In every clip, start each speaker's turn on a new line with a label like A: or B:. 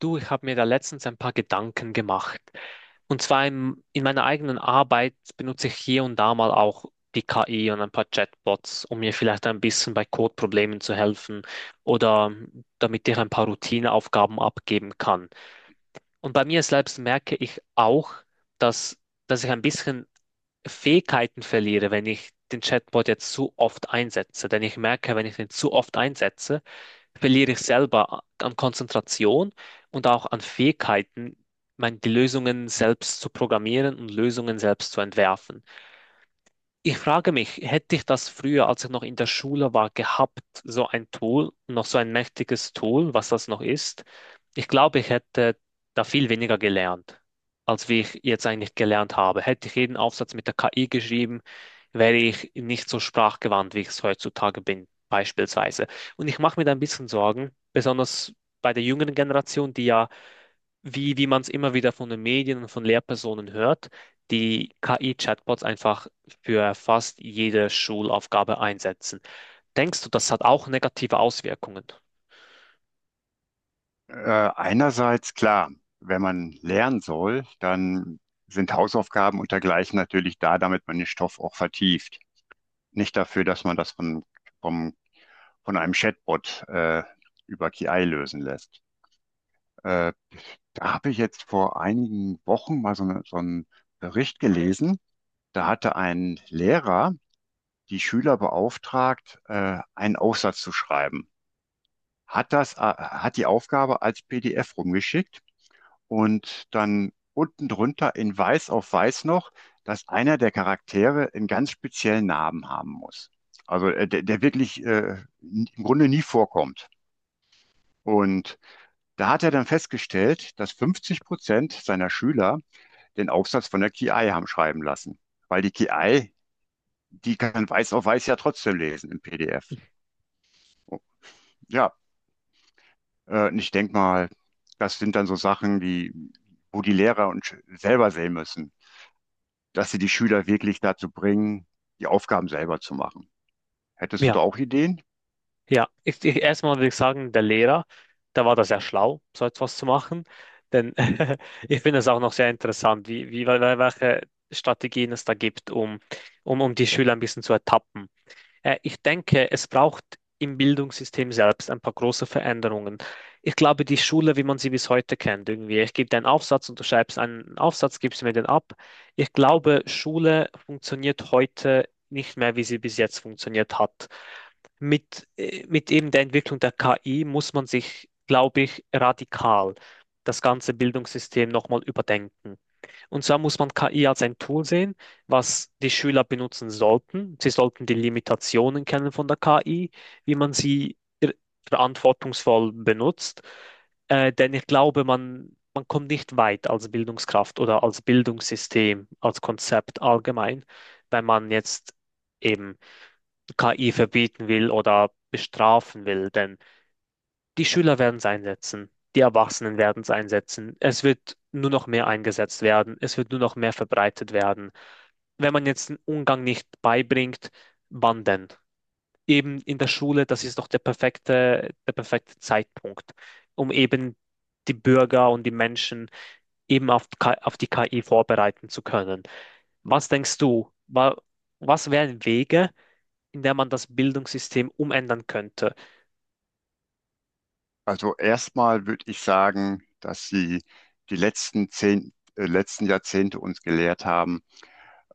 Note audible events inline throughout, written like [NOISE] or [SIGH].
A: Du, ich habe mir da letztens ein paar Gedanken gemacht. Und zwar in meiner eigenen Arbeit benutze ich hier und da mal auch die KI und ein paar Chatbots, um mir vielleicht ein bisschen bei Codeproblemen zu helfen oder damit ich ein paar Routineaufgaben abgeben kann. Und bei mir selbst merke ich auch, dass, dass ich ein bisschen Fähigkeiten verliere, wenn ich den Chatbot jetzt zu oft einsetze. Denn ich merke, wenn ich den zu oft einsetze, verliere ich selber an Konzentration und auch an Fähigkeiten, die Lösungen selbst zu programmieren und Lösungen selbst zu entwerfen. Ich frage mich, hätte ich das früher, als ich noch in der Schule war, gehabt, so ein Tool, noch so ein mächtiges Tool, was das noch ist? Ich glaube, ich hätte da viel weniger gelernt, als wie ich jetzt eigentlich gelernt habe. Hätte ich jeden Aufsatz mit der KI geschrieben, wäre ich nicht so sprachgewandt, wie ich es heutzutage bin, beispielsweise. Und ich mache mir da ein bisschen Sorgen, besonders bei der jüngeren Generation, die ja wie man es immer wieder von den Medien und von Lehrpersonen hört, die KI-Chatbots einfach für fast jede Schulaufgabe einsetzen. Denkst du, das hat auch negative Auswirkungen?
B: Einerseits klar, wenn man lernen soll, dann sind Hausaufgaben und dergleichen natürlich da, damit man den Stoff auch vertieft. Nicht dafür, dass man das vom, von einem Chatbot über KI lösen lässt. Äh, da habe ich jetzt vor einigen Wochen mal so einen Bericht gelesen. Da hatte ein Lehrer die Schüler beauftragt, einen Aufsatz zu schreiben. Hat die Aufgabe als PDF rumgeschickt. Und dann unten drunter in Weiß auf Weiß noch, dass einer der Charaktere einen ganz speziellen Namen haben muss. Also der wirklich im Grunde nie vorkommt. Und da hat er dann festgestellt, dass 50% seiner Schüler den Aufsatz von der KI haben schreiben lassen. Weil die KI, die kann Weiß auf Weiß ja trotzdem lesen im PDF. Ja, und ich denke mal, das sind dann so Sachen, wo die Lehrer selber sehen müssen, dass sie die Schüler wirklich dazu bringen, die Aufgaben selber zu machen. Hättest du
A: Ja,
B: da auch Ideen?
A: ja. Erstmal würde ich sagen, der Lehrer, da war das sehr schlau, so etwas zu machen. Denn [LAUGHS] ich finde es auch noch sehr interessant, welche Strategien es da gibt, um die Schüler ein bisschen zu ertappen. Ich denke, es braucht im Bildungssystem selbst ein paar große Veränderungen. Ich glaube, die Schule, wie man sie bis heute kennt, irgendwie, ich gebe dir einen Aufsatz und du schreibst einen Aufsatz, gibst mir den ab. Ich glaube, Schule funktioniert heute nicht mehr, wie sie bis jetzt funktioniert hat. Mit eben der Entwicklung der KI muss man sich, glaube ich, radikal das ganze Bildungssystem nochmal überdenken. Und zwar muss man KI als ein Tool sehen, was die Schüler benutzen sollten. Sie sollten die Limitationen kennen von der KI, wie man sie ir- verantwortungsvoll benutzt. Denn ich glaube, man kommt nicht weit als Bildungskraft oder als Bildungssystem, als Konzept allgemein, wenn man jetzt eben KI verbieten will oder bestrafen will. Denn die Schüler werden es einsetzen, die Erwachsenen werden es einsetzen. Es wird nur noch mehr eingesetzt werden, es wird nur noch mehr verbreitet werden. Wenn man jetzt den Umgang nicht beibringt, wann denn? Eben in der Schule, das ist doch der perfekte Zeitpunkt, um eben die Bürger und die Menschen eben auf die KI vorbereiten zu können. Was denkst du, was wären Wege, in der man das Bildungssystem umändern könnte?
B: Also erstmal würde ich sagen, dass sie die letzten Jahrzehnte uns gelehrt haben,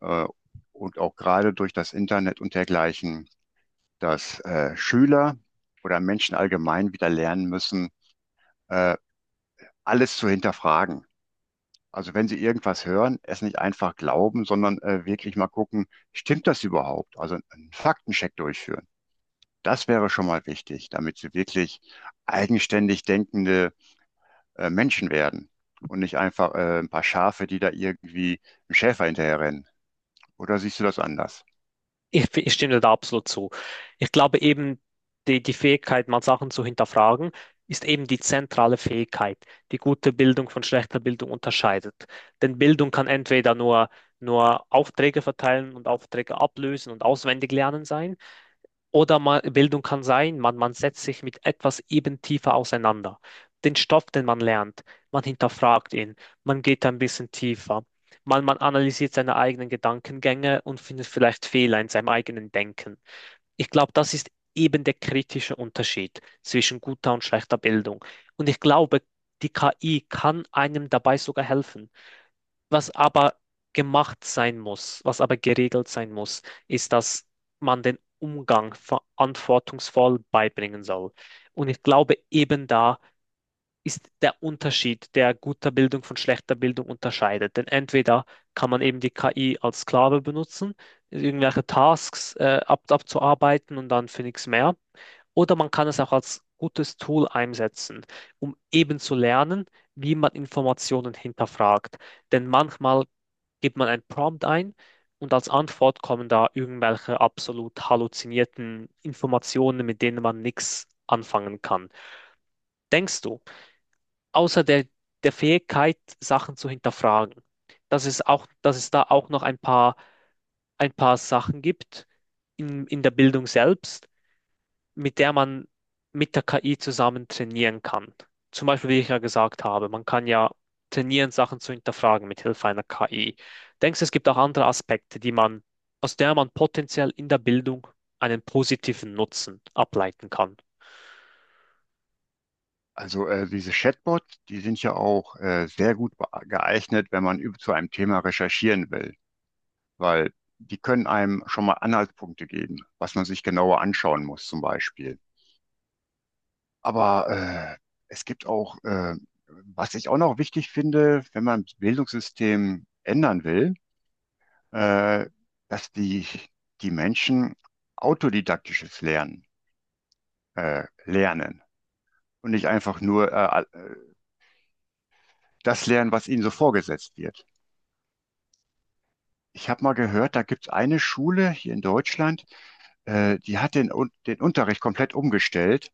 B: äh, und auch gerade durch das Internet und dergleichen, dass Schüler oder Menschen allgemein wieder lernen müssen, äh, alles zu hinterfragen. Also wenn sie irgendwas hören, es nicht einfach glauben, sondern wirklich mal gucken, stimmt das überhaupt? Also einen Faktencheck durchführen. Das wäre schon mal wichtig, damit sie wirklich eigenständig denkende Menschen werden und nicht einfach ein paar Schafe, die da irgendwie einem Schäfer hinterherrennen. Oder siehst du das anders?
A: Ich stimme dir da absolut zu. Ich glaube eben, die Fähigkeit, mal Sachen zu hinterfragen, ist eben die zentrale Fähigkeit, die gute Bildung von schlechter Bildung unterscheidet. Denn Bildung kann entweder nur Aufträge verteilen und Aufträge ablösen und auswendig lernen sein. Oder man, Bildung kann sein, man setzt sich mit etwas eben tiefer auseinander. Den Stoff, den man lernt, man hinterfragt ihn, man geht ein bisschen tiefer. Man analysiert seine eigenen Gedankengänge und findet vielleicht Fehler in seinem eigenen Denken. Ich glaube, das ist eben der kritische Unterschied zwischen guter und schlechter Bildung. Und ich glaube, die KI kann einem dabei sogar helfen. Was aber gemacht sein muss, was aber geregelt sein muss, ist, dass man den Umgang verantwortungsvoll beibringen soll. Und ich glaube, eben da ist der Unterschied, der guter Bildung von schlechter Bildung unterscheidet. Denn entweder kann man eben die KI als Sklave benutzen, irgendwelche Tasks ab abzuarbeiten und dann für nichts mehr. Oder man kann es auch als gutes Tool einsetzen, um eben zu lernen, wie man Informationen hinterfragt. Denn manchmal gibt man ein Prompt ein und als Antwort kommen da irgendwelche absolut halluzinierten Informationen, mit denen man nichts anfangen kann. Denkst du, außer der Fähigkeit, Sachen zu hinterfragen, dass es auch, dass es da auch noch ein paar Sachen gibt in der Bildung selbst, mit der man mit der KI zusammen trainieren kann? Zum Beispiel, wie ich ja gesagt habe, man kann ja trainieren, Sachen zu hinterfragen mit Hilfe einer KI. Denkst du, es gibt auch andere Aspekte, die man, aus der man potenziell in der Bildung einen positiven Nutzen ableiten kann?
B: Also diese Chatbots, die sind ja auch sehr geeignet, wenn man zu einem Thema recherchieren will, weil die können einem schon mal Anhaltspunkte geben, was man sich genauer anschauen muss zum Beispiel. Aber äh, es gibt auch, was ich auch noch wichtig finde, wenn man das Bildungssystem ändern will, äh, dass die Menschen autodidaktisches Lernen lernen und nicht einfach nur das lernen, was ihnen so vorgesetzt wird. Ich habe mal gehört, da gibt es eine Schule hier in Deutschland, die hat den Unterricht komplett umgestellt,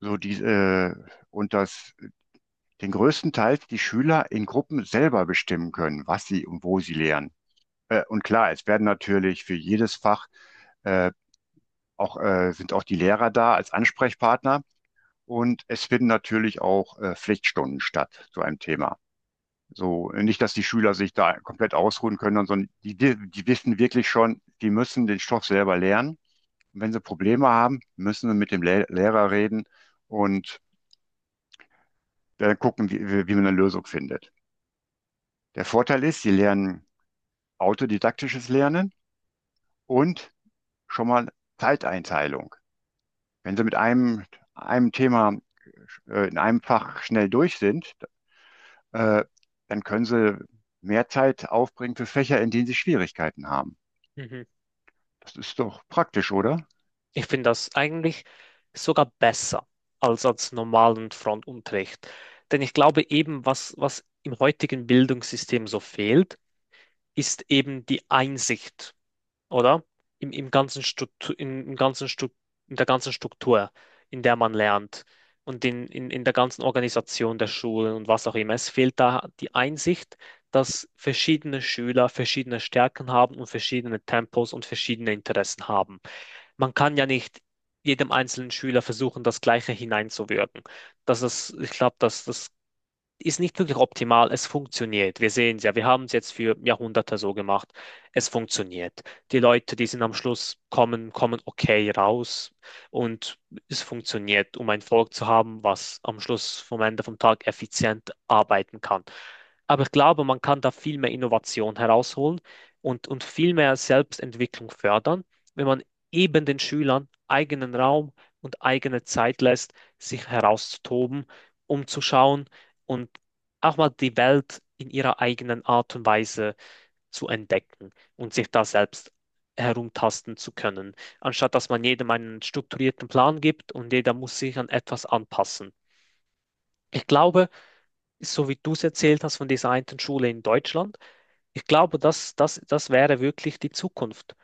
B: so die, äh, und dass den größten Teil die Schüler in Gruppen selber bestimmen können, was sie und wo sie lernen. Und klar, es werden natürlich für jedes Fach äh, sind auch die Lehrer da als Ansprechpartner. Und es finden natürlich auch Pflichtstunden statt zu einem Thema. So, nicht, dass die Schüler sich da komplett ausruhen können, sondern die wissen wirklich schon, die müssen den Stoff selber lernen. Und wenn sie Probleme haben, müssen sie mit dem Le Lehrer reden und dann gucken, wie man eine Lösung findet. Der Vorteil ist, sie lernen autodidaktisches Lernen und schon mal Zeiteinteilung. Wenn sie mit einem Thema in einem Fach schnell durch sind, äh, dann können sie mehr Zeit aufbringen für Fächer, in denen sie Schwierigkeiten haben.
A: Mhm.
B: Das ist doch praktisch, oder?
A: Ich finde das eigentlich sogar besser als normalen Frontunterricht. Denn ich glaube eben, was im heutigen Bildungssystem so fehlt, ist eben die Einsicht, oder? Im, im ganzen Struktur, in, im ganzen Stru- In der ganzen Struktur, in der man lernt und in der ganzen Organisation der Schulen und was auch immer. Es fehlt da die Einsicht, dass verschiedene Schüler verschiedene Stärken haben und verschiedene Tempos und verschiedene Interessen haben. Man kann ja nicht jedem einzelnen Schüler versuchen, das Gleiche hineinzuwirken. Das ist, ich glaube, das ist nicht wirklich optimal. Es funktioniert. Wir sehen es ja. Wir haben es jetzt für Jahrhunderte so gemacht. Es funktioniert. Die Leute, die sind am Schluss kommen, kommen okay raus. Und es funktioniert, um ein Volk zu haben, was am Schluss vom Ende vom Tag effizient arbeiten kann. Aber ich glaube, man kann da viel mehr Innovation herausholen und viel mehr Selbstentwicklung fördern, wenn man eben den Schülern eigenen Raum und eigene Zeit lässt, sich herauszutoben, um zu schauen, und auch mal die Welt in ihrer eigenen Art und Weise zu entdecken und sich da selbst herumtasten zu können, anstatt dass man jedem einen strukturierten Plan gibt und jeder muss sich an etwas anpassen. Ich glaube, so wie du es erzählt hast von dieser einen Schule in Deutschland, ich glaube, das wäre wirklich die Zukunft.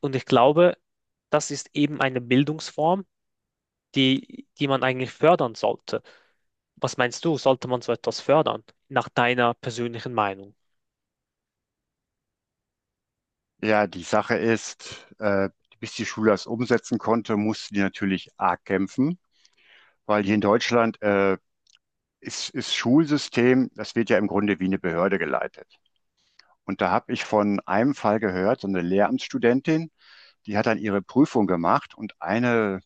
A: Und ich glaube, das ist eben eine Bildungsform, die man eigentlich fördern sollte. Was meinst du, sollte man so etwas fördern, nach deiner persönlichen Meinung?
B: Ja, die Sache ist, bis die Schule das umsetzen konnte, mussten die natürlich arg kämpfen, weil hier in Deutschland ist Schulsystem, das wird ja im Grunde wie eine Behörde geleitet. Und da habe ich von einem Fall gehört, so eine Lehramtsstudentin, die hat dann ihre Prüfung gemacht und eine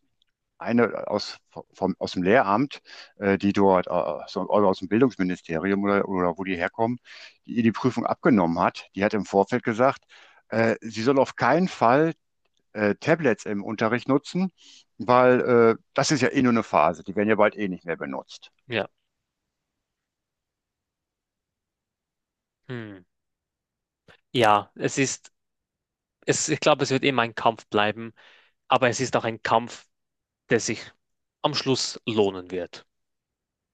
B: eine aus, vom, aus dem Lehramt, die dort, oder aus dem Bildungsministerium oder wo die herkommen, die ihr die Prüfung abgenommen hat, die hat im Vorfeld gesagt, sie soll auf keinen Fall Tablets im Unterricht nutzen, weil das ist ja eh nur eine Phase, die werden ja bald eh nicht mehr benutzt.
A: Ja. Hm. Ja, ich glaube, es wird immer ein Kampf bleiben, aber es ist auch ein Kampf, der sich am Schluss lohnen wird.